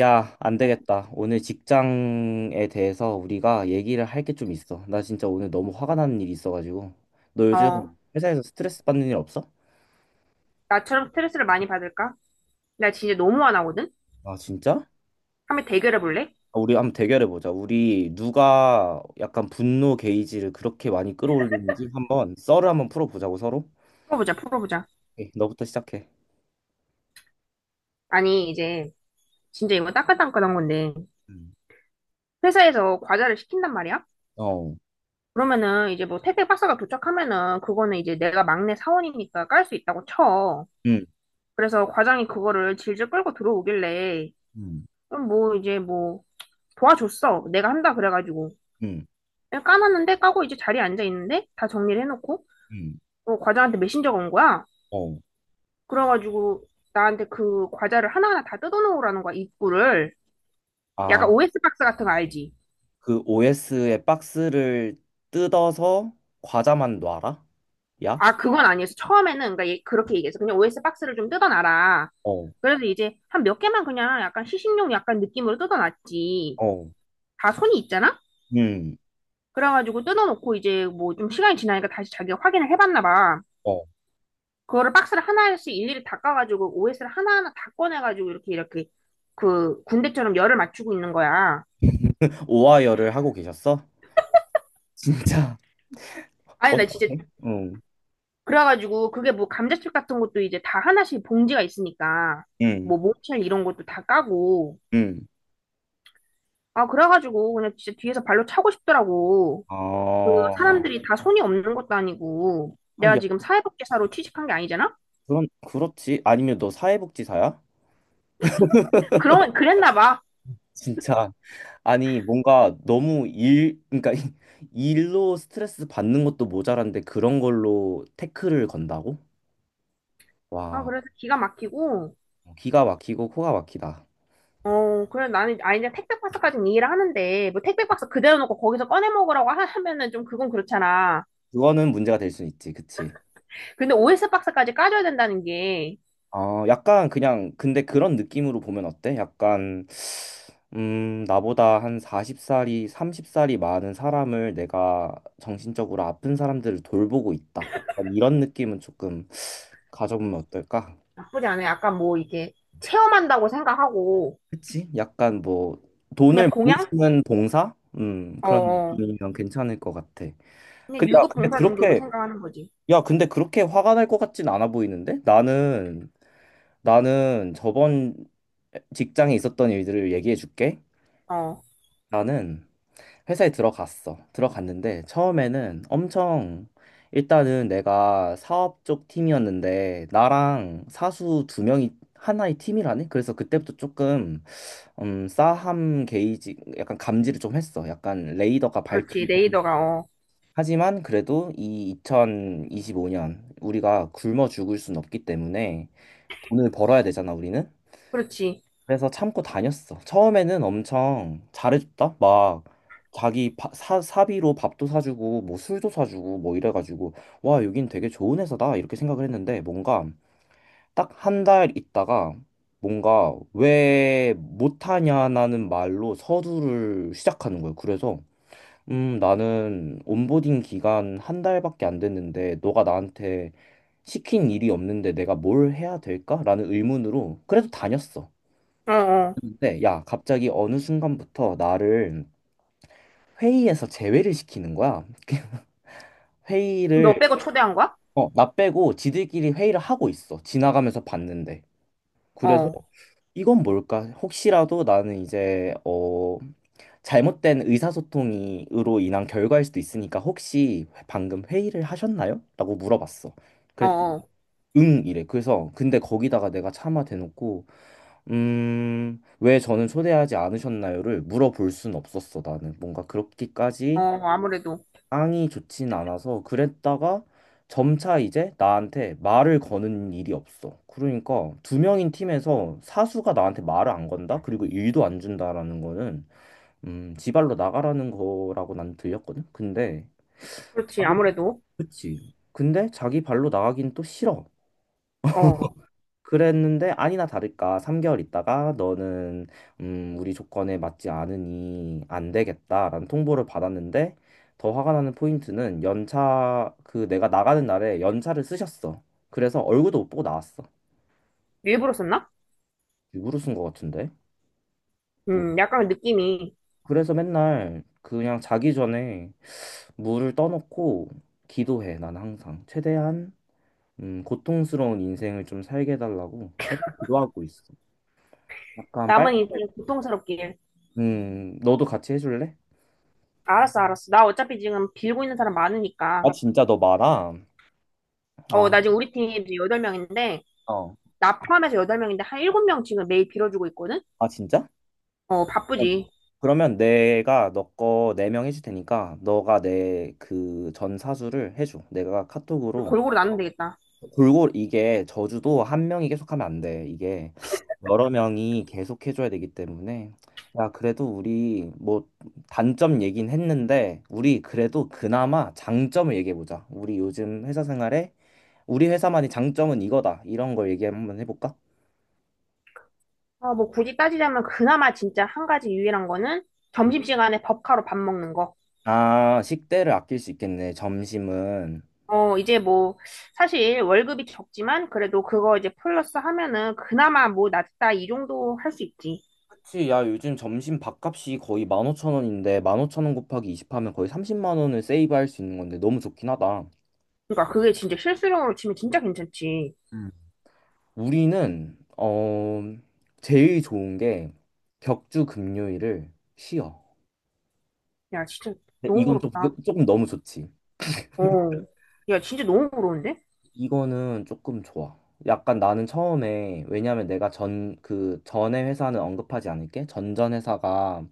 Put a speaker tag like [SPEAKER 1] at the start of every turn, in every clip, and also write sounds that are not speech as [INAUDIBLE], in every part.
[SPEAKER 1] 야, 안 되겠다. 오늘 직장에 대해서 우리가 얘기를 할 게 좀 있어. 나 진짜 오늘 너무 화가 나는 일이 있어가지고. 너
[SPEAKER 2] 어,
[SPEAKER 1] 요즘 회사에서 스트레스 받는 일 없어?
[SPEAKER 2] 나처럼 스트레스를 많이 받을까? 나 진짜 너무 화나거든?
[SPEAKER 1] 아, 진짜?
[SPEAKER 2] 한번 대결해 볼래?
[SPEAKER 1] 아, 우리 한번 대결해 보자. 우리 누가 약간 분노 게이지를 그렇게 많이 끌어올리는지 한번 썰을 한번 풀어보자고 서로.
[SPEAKER 2] 풀어보자, 풀어보자.
[SPEAKER 1] 오케이, 너부터 시작해.
[SPEAKER 2] 아니, 이제, 진짜 이거 따끈따끈한 건데,
[SPEAKER 1] 음,
[SPEAKER 2] 회사에서 과자를 시킨단 말이야?
[SPEAKER 1] 어,
[SPEAKER 2] 그러면은, 이제 뭐 택배 박스가 도착하면은, 그거는 이제 내가 막내 사원이니까 깔 수 있다고 쳐.
[SPEAKER 1] 음,
[SPEAKER 2] 그래서 과장이 그거를 질질 끌고 들어오길래,
[SPEAKER 1] 음,
[SPEAKER 2] 그럼 뭐, 이제 뭐, 도와줬어. 내가 한다, 그래가지고.
[SPEAKER 1] 음,
[SPEAKER 2] 까놨는데, 까고 이제 자리에 앉아 있는데, 다 정리를 해놓고,
[SPEAKER 1] 음.
[SPEAKER 2] 어, 과장한테 메신저가 온 거야.
[SPEAKER 1] 어.
[SPEAKER 2] 그래가지고 나한테 그 과자를 하나하나 다 뜯어놓으라는 거야, 입구를. 약간
[SPEAKER 1] 아,
[SPEAKER 2] OS 박스 같은 거 알지?
[SPEAKER 1] 그 OS의 박스를 뜯어서 과자만 놔라? 야?
[SPEAKER 2] 아, 그건 아니었어. 처음에는, 그러니까 얘 그렇게 얘기했어. 그냥 OS 박스를 좀 뜯어놔라.
[SPEAKER 1] 어.
[SPEAKER 2] 그래서 이제 한 몇 개만 그냥 약간 시식용 약간 느낌으로 뜯어놨지.
[SPEAKER 1] 어,
[SPEAKER 2] 다 손이 있잖아?
[SPEAKER 1] 음,
[SPEAKER 2] 그래가지고 뜯어놓고 이제 뭐 좀 시간이 지나니까 다시 자기가 확인을 해봤나 봐.
[SPEAKER 1] 어.
[SPEAKER 2] 그거를 박스를 하나씩 일일이 닦아가지고 OS를 하나하나 다 꺼내가지고 이렇게 이렇게 그 군대처럼 열을 맞추고 있는 거야.
[SPEAKER 1] 오하이어를 하고 계셨어? 진짜?
[SPEAKER 2] 아니,
[SPEAKER 1] 어,
[SPEAKER 2] 나 진짜.
[SPEAKER 1] 응,
[SPEAKER 2] 그래가지고 그게 뭐 감자칩 같은 것도 이제 다 하나씩 봉지가 있으니까
[SPEAKER 1] 응,
[SPEAKER 2] 뭐 모첼 이런 것도 다 까고,
[SPEAKER 1] 응.
[SPEAKER 2] 아, 그래가지고 그냥 진짜 뒤에서 발로 차고 싶더라고. 그
[SPEAKER 1] 아,
[SPEAKER 2] 사람들이 다 손이 없는 것도 아니고
[SPEAKER 1] 아니,
[SPEAKER 2] 내가
[SPEAKER 1] 야,
[SPEAKER 2] 지금 사회복지사로 취직한 게 아니잖아.
[SPEAKER 1] 그렇지. 아니면 너 사회복지사야?
[SPEAKER 2] 그런 그랬나 봐아.
[SPEAKER 1] 진짜. 아니, 뭔가 너무 일, 그러니까 [LAUGHS] 일로 스트레스 받는 것도 모자란데 그런 걸로 태클을 건다고? 와,
[SPEAKER 2] 그래서 기가 막히고.
[SPEAKER 1] 기가 막히고 코가 막히다.
[SPEAKER 2] 어, 그래, 나는, 아, 이제 택배 박스까지는 이해를 하는데 뭐 택배 박스 그대로 놓고 거기서 꺼내 먹으라고 하면은 좀, 그건 그렇잖아.
[SPEAKER 1] 그거는 문제가 될 수 있지, 그치?
[SPEAKER 2] 근데 OS 박스까지 까줘야 된다는 게.
[SPEAKER 1] 아, 약간 그냥 근데 그런 느낌으로 보면 어때? 약간 나보다 한 40살이 30살이 많은 사람을 내가 정신적으로 아픈 사람들을 돌보고 있다. 약간 이런 느낌은 조금 가져보면 어떨까?
[SPEAKER 2] 나쁘지 않아요. 약간 뭐 이게 체험한다고 생각하고.
[SPEAKER 1] 그치? 약간 뭐
[SPEAKER 2] 그냥
[SPEAKER 1] 돈을 많이
[SPEAKER 2] 봉양?
[SPEAKER 1] 쓰는 봉사?
[SPEAKER 2] 어,
[SPEAKER 1] 그런
[SPEAKER 2] 어.
[SPEAKER 1] 느낌이면 괜찮을 것 같아.
[SPEAKER 2] 그냥
[SPEAKER 1] 근데 야,
[SPEAKER 2] 유급
[SPEAKER 1] 근데
[SPEAKER 2] 봉사 정도로
[SPEAKER 1] 그렇게
[SPEAKER 2] 생각하는 거지.
[SPEAKER 1] 야, 근데 그렇게 화가 날 것 같진 않아 보이는데? 나는 저번 직장에 있었던 일들을 얘기해 줄게.
[SPEAKER 2] 어,
[SPEAKER 1] 나는 회사에 들어갔어. 들어갔는데 처음에는 엄청 일단은 내가 사업 쪽 팀이었는데 나랑 사수 두 명이 하나의 팀이라네. 그래서 그때부터 조금 싸함 게이지 약간 감지를 좀 했어. 약간 레이더가
[SPEAKER 2] 그렇지.
[SPEAKER 1] 밝히
[SPEAKER 2] 레이더가, 어,
[SPEAKER 1] 하지만 그래도 이 2025년 우리가 굶어 죽을 순 없기 때문에 돈을 벌어야 되잖아, 우리는.
[SPEAKER 2] 그렇지.
[SPEAKER 1] 그래서 참고 다녔어. 처음에는 엄청 잘해줬다. 막 자기 사비로 밥도 사주고 뭐 술도 사주고 뭐 이래가지고 와 여긴 되게 좋은 회사다 이렇게 생각을 했는데 뭔가 딱 한 달 있다가 뭔가 왜 못하냐라는 말로 서두를 시작하는 거예요. 그래서 나는 온보딩 기간 한 달밖에 안 됐는데 너가 나한테 시킨 일이 없는데 내가 뭘 해야 될까라는 의문으로 그래도 다녔어.
[SPEAKER 2] 어, 어.
[SPEAKER 1] 근데 야, 갑자기 어느 순간부터 나를 회의에서 제외를 시키는 거야. [LAUGHS] 회의를
[SPEAKER 2] 너 빼고 초대한 거야?
[SPEAKER 1] 나 빼고 지들끼리 회의를 하고 있어. 지나가면서 봤는데. 그래서
[SPEAKER 2] 어,
[SPEAKER 1] 이건 뭘까? 혹시라도 나는 이제 잘못된 의사소통이로 인한 결과일 수도 있으니까 혹시 방금 회의를 하셨나요? 라고 물어봤어.
[SPEAKER 2] 어,
[SPEAKER 1] 그랬더니
[SPEAKER 2] 어,
[SPEAKER 1] 응 이래. 그래서 근데 거기다가 내가 차마 대놓고 왜 저는 초대하지 않으셨나요를 물어볼 순 없었어, 나는. 뭔가
[SPEAKER 2] 어.
[SPEAKER 1] 그렇게까지
[SPEAKER 2] 아무래도
[SPEAKER 1] 앙이 좋진 않아서 그랬다가 점차 이제 나한테 말을 거는 일이 없어. 그러니까 두 명인 팀에서 사수가 나한테 말을 안 건다? 그리고 일도 안 준다라는 거는 지발로 나가라는 거라고 난 들렸거든. 근데
[SPEAKER 2] 그렇지.
[SPEAKER 1] 자기
[SPEAKER 2] 아무래도.
[SPEAKER 1] 그치. 근데 자기 발로 나가긴 또 싫어.
[SPEAKER 2] 어.
[SPEAKER 1] 그랬는데 아니나 다를까 3개월 있다가 너는 우리 조건에 맞지 않으니 안 되겠다라는 통보를 받았는데 더 화가 나는 포인트는 연차 그 내가 나가는 날에 연차를 쓰셨어. 그래서 얼굴도 못 보고 나왔어.
[SPEAKER 2] 일부러 썼나?
[SPEAKER 1] 일부러 쓴 것 같은데. 몰라.
[SPEAKER 2] 약간 느낌이.
[SPEAKER 1] 그래서 맨날 그냥 자기 전에 물을 떠놓고 기도해. 난 항상 최대한 고통스러운 인생을 좀 살게 해달라고 맨날 기도하고 있어. 약간
[SPEAKER 2] 남은
[SPEAKER 1] 빨간색.
[SPEAKER 2] 인생 고통스럽길.
[SPEAKER 1] 너도 같이 해줄래?
[SPEAKER 2] 알았어, 알았어. 나 어차피 지금 빌고 있는 사람
[SPEAKER 1] 아,
[SPEAKER 2] 많으니까.
[SPEAKER 1] 진짜 너 많아?
[SPEAKER 2] 어,
[SPEAKER 1] 아,
[SPEAKER 2] 나 지금 우리 팀 이제 8명인데,
[SPEAKER 1] 어.
[SPEAKER 2] 나 포함해서 8명인데, 한 7명 지금 매일 빌어주고 있거든?
[SPEAKER 1] 아, 진짜?
[SPEAKER 2] 어,
[SPEAKER 1] 그럼-
[SPEAKER 2] 바쁘지.
[SPEAKER 1] 그러면 내가 너 거 네 명 해줄 테니까 너가 내 그 전 사수를 해줘. 내가 카톡으로
[SPEAKER 2] 골고루 나누면 되겠다.
[SPEAKER 1] 골루 이게 저주도 한 명이 계속 하면 안 돼. 이게 여러 명이 계속 해줘야 되기 때문에 야, 그래도 우리 뭐 단점 얘긴 했는데 우리 그래도 그나마 장점을 얘기해 보자. 우리 요즘 회사 생활에 우리 회사만의 장점은 이거다. 이런 걸 얘기 한번 해볼까?
[SPEAKER 2] 아, 뭐 굳이 따지자면 그나마 진짜 한 가지 유일한 거는 점심시간에 법카로 밥 먹는 거.
[SPEAKER 1] 아, 식대를 아낄 수 있겠네, 점심은.
[SPEAKER 2] 어, 이제 뭐 사실 월급이 적지만 그래도 그거 이제 플러스 하면은 그나마 뭐 낫다 이 정도 할 수 있지.
[SPEAKER 1] 그치, 야, 요즘 점심 밥값이 거의 15,000원인데, 15,000원 곱하기 20 하면 거의 30만 원을 세이브할 수 있는 건데, 너무 좋긴 하다.
[SPEAKER 2] 그러니까 그게 진짜 실수령으로 치면 진짜 괜찮지.
[SPEAKER 1] 음. 우리는, 제일 좋은 게 격주 금요일을 쉬어.
[SPEAKER 2] 야, 진짜
[SPEAKER 1] 근데
[SPEAKER 2] 너무
[SPEAKER 1] 이건 좀,
[SPEAKER 2] 부럽다.
[SPEAKER 1] 조금 너무 좋지.
[SPEAKER 2] 어. 야, 진짜 너무 부러운데?
[SPEAKER 1] 이거는 조금 좋아. 약간 나는 처음에, 왜냐면 내가 전, 그 전에 회사는 언급하지 않을게. 전전 회사가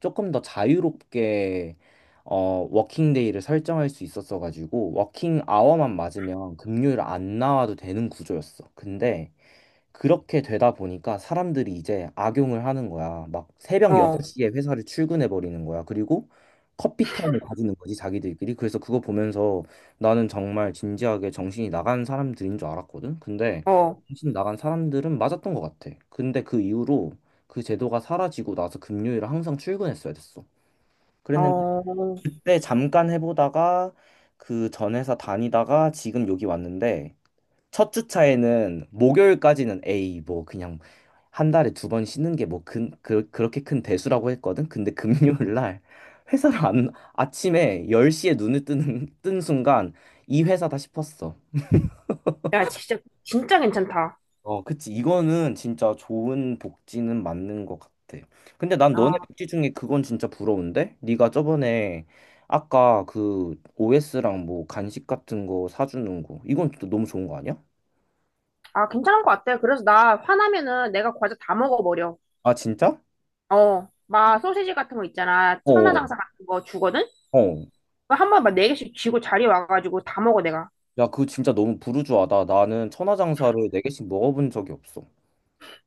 [SPEAKER 1] 조금 더 자유롭게 워킹데이를 설정할 수 있었어 가지고 워킹 아워만 맞으면 금요일 안 나와도 되는 구조였어. 근데 그렇게 되다 보니까 사람들이 이제 악용을 하는 거야. 막 새벽
[SPEAKER 2] 어.
[SPEAKER 1] 6시에 회사를 출근해 버리는 거야. 그리고 커피 타임을 가지는 거지, 자기들끼리. 그래서 그거 보면서 나는 정말 진지하게 정신이 나간 사람들인 줄 알았거든. 근데
[SPEAKER 2] 어.
[SPEAKER 1] 정신 나간 사람들은 맞았던 것 같아. 근데 그 이후로 그 제도가 사라지고 나서 금요일에 항상 출근했어야 됐어. 그랬는데
[SPEAKER 2] 어.
[SPEAKER 1] 그때 잠깐 해보다가 그 전 회사 다니다가 지금 여기 왔는데 첫 주차에는 목요일까지는 에이 뭐 그냥 한 달에 두 번 쉬는 게 뭐 그렇게 큰 대수라고 했거든. 근데 [LAUGHS] 금요일 날 회사를 안 아침에 10시에 눈을 뜨는 뜬 순간 이 회사다 싶었어.
[SPEAKER 2] 야, 진짜 진짜 괜찮다.
[SPEAKER 1] 어, 그치. 이거는 진짜 좋은 복지는 맞는 것 같아. 근데 난 너네
[SPEAKER 2] 아,
[SPEAKER 1] 복지 중에 그건 진짜 부러운데? 네가 저번에 아까 그 OS랑 뭐 간식 같은 거 사주는 거. 이건 또 너무 좋은 거 아니야?
[SPEAKER 2] 아, 괜찮은 것 같아. 그래서 나 화나면은 내가 과자 다 먹어버려.
[SPEAKER 1] 아, 진짜?
[SPEAKER 2] 어, 막 소시지 같은 거 있잖아.
[SPEAKER 1] 어,
[SPEAKER 2] 천하장사 같은 거 주거든?
[SPEAKER 1] 어.
[SPEAKER 2] 그거 한 번 막 네 개씩 쥐고 자리 와가지고 다 먹어, 내가.
[SPEAKER 1] 야, 그거 진짜 너무 부르주아다. 나는 천하장사를 네개씩 먹어본 적이 없어.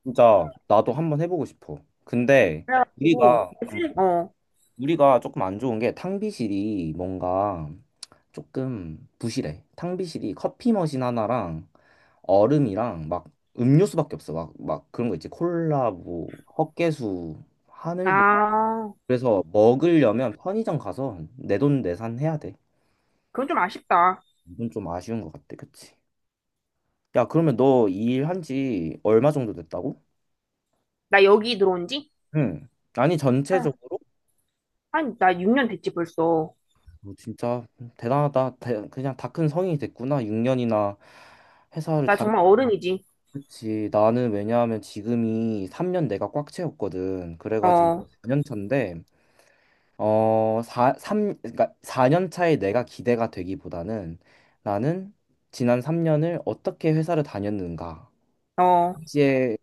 [SPEAKER 1] 진짜 나도 한번 해보고 싶어. 근데 우리가, 음,
[SPEAKER 2] 어.
[SPEAKER 1] 우리가 조금 안 좋은 게 탕비실이 뭔가 조금 부실해. 탕비실이 커피 머신 하나랑 얼음이랑 막 음료수밖에 없어. 막 그런 거 있지. 콜라, 뭐, 헛개수, 하늘보.
[SPEAKER 2] 아,
[SPEAKER 1] 그래서 먹으려면 편의점 가서 내돈 내산 해야 돼.
[SPEAKER 2] 그건 좀 아쉽다.
[SPEAKER 1] 이건 좀 아쉬운 것 같아. 그치? 야, 그러면 너 이 일 한지 얼마 정도 됐다고?
[SPEAKER 2] 나 여기 들어온 지?
[SPEAKER 1] 응. 아니,
[SPEAKER 2] 한,
[SPEAKER 1] 전체적으로?
[SPEAKER 2] 나 6년 됐지, 벌써.
[SPEAKER 1] 어, 진짜 대단하다. 그냥 다 큰 성인이 됐구나. 6년이나 회사를
[SPEAKER 2] 나
[SPEAKER 1] 다녔
[SPEAKER 2] 정말 어른이지.
[SPEAKER 1] 그치, 나는 왜냐하면 지금이 3년 내가 꽉 채웠거든. 그래가지고
[SPEAKER 2] 어,
[SPEAKER 1] 4년 차인데, 4, 삼 그러니까 4년 차에 내가 기대가 되기보다는 나는 지난 3년을 어떻게 회사를 다녔는가.
[SPEAKER 2] 어.
[SPEAKER 1] 이제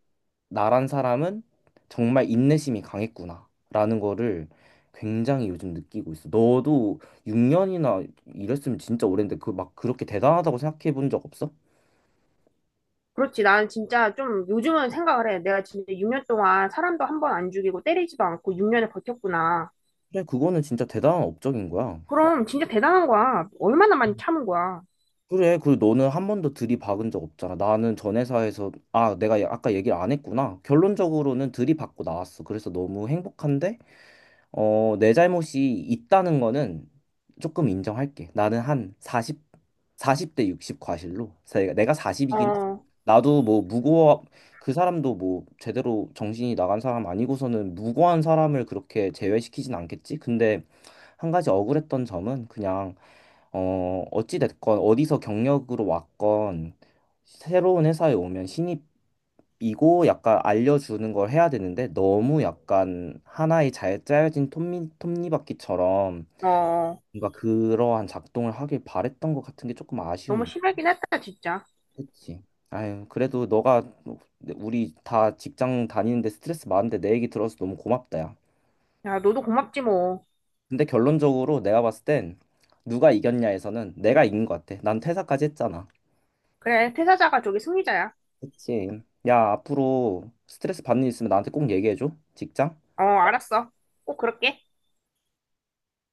[SPEAKER 1] 나란 사람은 정말 인내심이 강했구나. 라는 거를 굉장히 요즘 느끼고 있어. 너도 6년이나 일했으면 진짜 오랜데 그 막 그렇게 대단하다고 생각해 본 적 없어?
[SPEAKER 2] 그렇지. 난 진짜 좀 요즘은 생각을 해. 내가 진짜 6년 동안 사람도 한 번 안 죽이고 때리지도 않고 6년을 버텼구나.
[SPEAKER 1] 그래, 그거는 진짜 대단한 업적인 거야.
[SPEAKER 2] 그럼 진짜 대단한 거야. 얼마나 많이 참은 거야.
[SPEAKER 1] 그래, 그리고 너는 한 번도 들이박은 적 없잖아. 나는 전 회사에서, 아, 내가 아까 얘기를 안 했구나. 결론적으로는 들이박고 나왔어. 그래서 너무 행복한데, 어, 내 잘못이 있다는 거는 조금 인정할게. 나는 한 40, 사십 대60 과실로. 내가
[SPEAKER 2] 어,
[SPEAKER 1] 40이긴 했어.
[SPEAKER 2] 어.
[SPEAKER 1] 나도 뭐 무고한, 그 사람도 뭐 제대로 정신이 나간 사람 아니고서는 무고한 사람을 그렇게 제외시키진 않겠지? 근데 한 가지 억울했던 점은 그냥 어찌 됐건 어디서 경력으로 왔건 새로운 회사에 오면 신입이고 약간 알려주는 걸 해야 되는데 너무 약간 하나의 잘 짜여진 톱니, 톱니바퀴처럼
[SPEAKER 2] 어.
[SPEAKER 1] 뭔가 그러한 작동을 하길 바랬던 것 같은 게 조금
[SPEAKER 2] 너무
[SPEAKER 1] 아쉬운
[SPEAKER 2] 심하긴 했다, 진짜.
[SPEAKER 1] 그치? 아유 그래도 너가 네, 우리 다 직장 다니는데 스트레스 많은데 내 얘기 들어서 너무 고맙다 야
[SPEAKER 2] 야, 너도 고맙지 뭐.
[SPEAKER 1] 근데 결론적으로 내가 봤을 땐 누가 이겼냐에서는 내가 이긴 것 같아 난 퇴사까지 했잖아
[SPEAKER 2] 그래, 퇴사자가 저기 승리자야.
[SPEAKER 1] 그치. 야, 앞으로 스트레스 받는 일 있으면 나한테 꼭 얘기해줘. 직장?
[SPEAKER 2] 어, 알았어. 꼭 그럴게.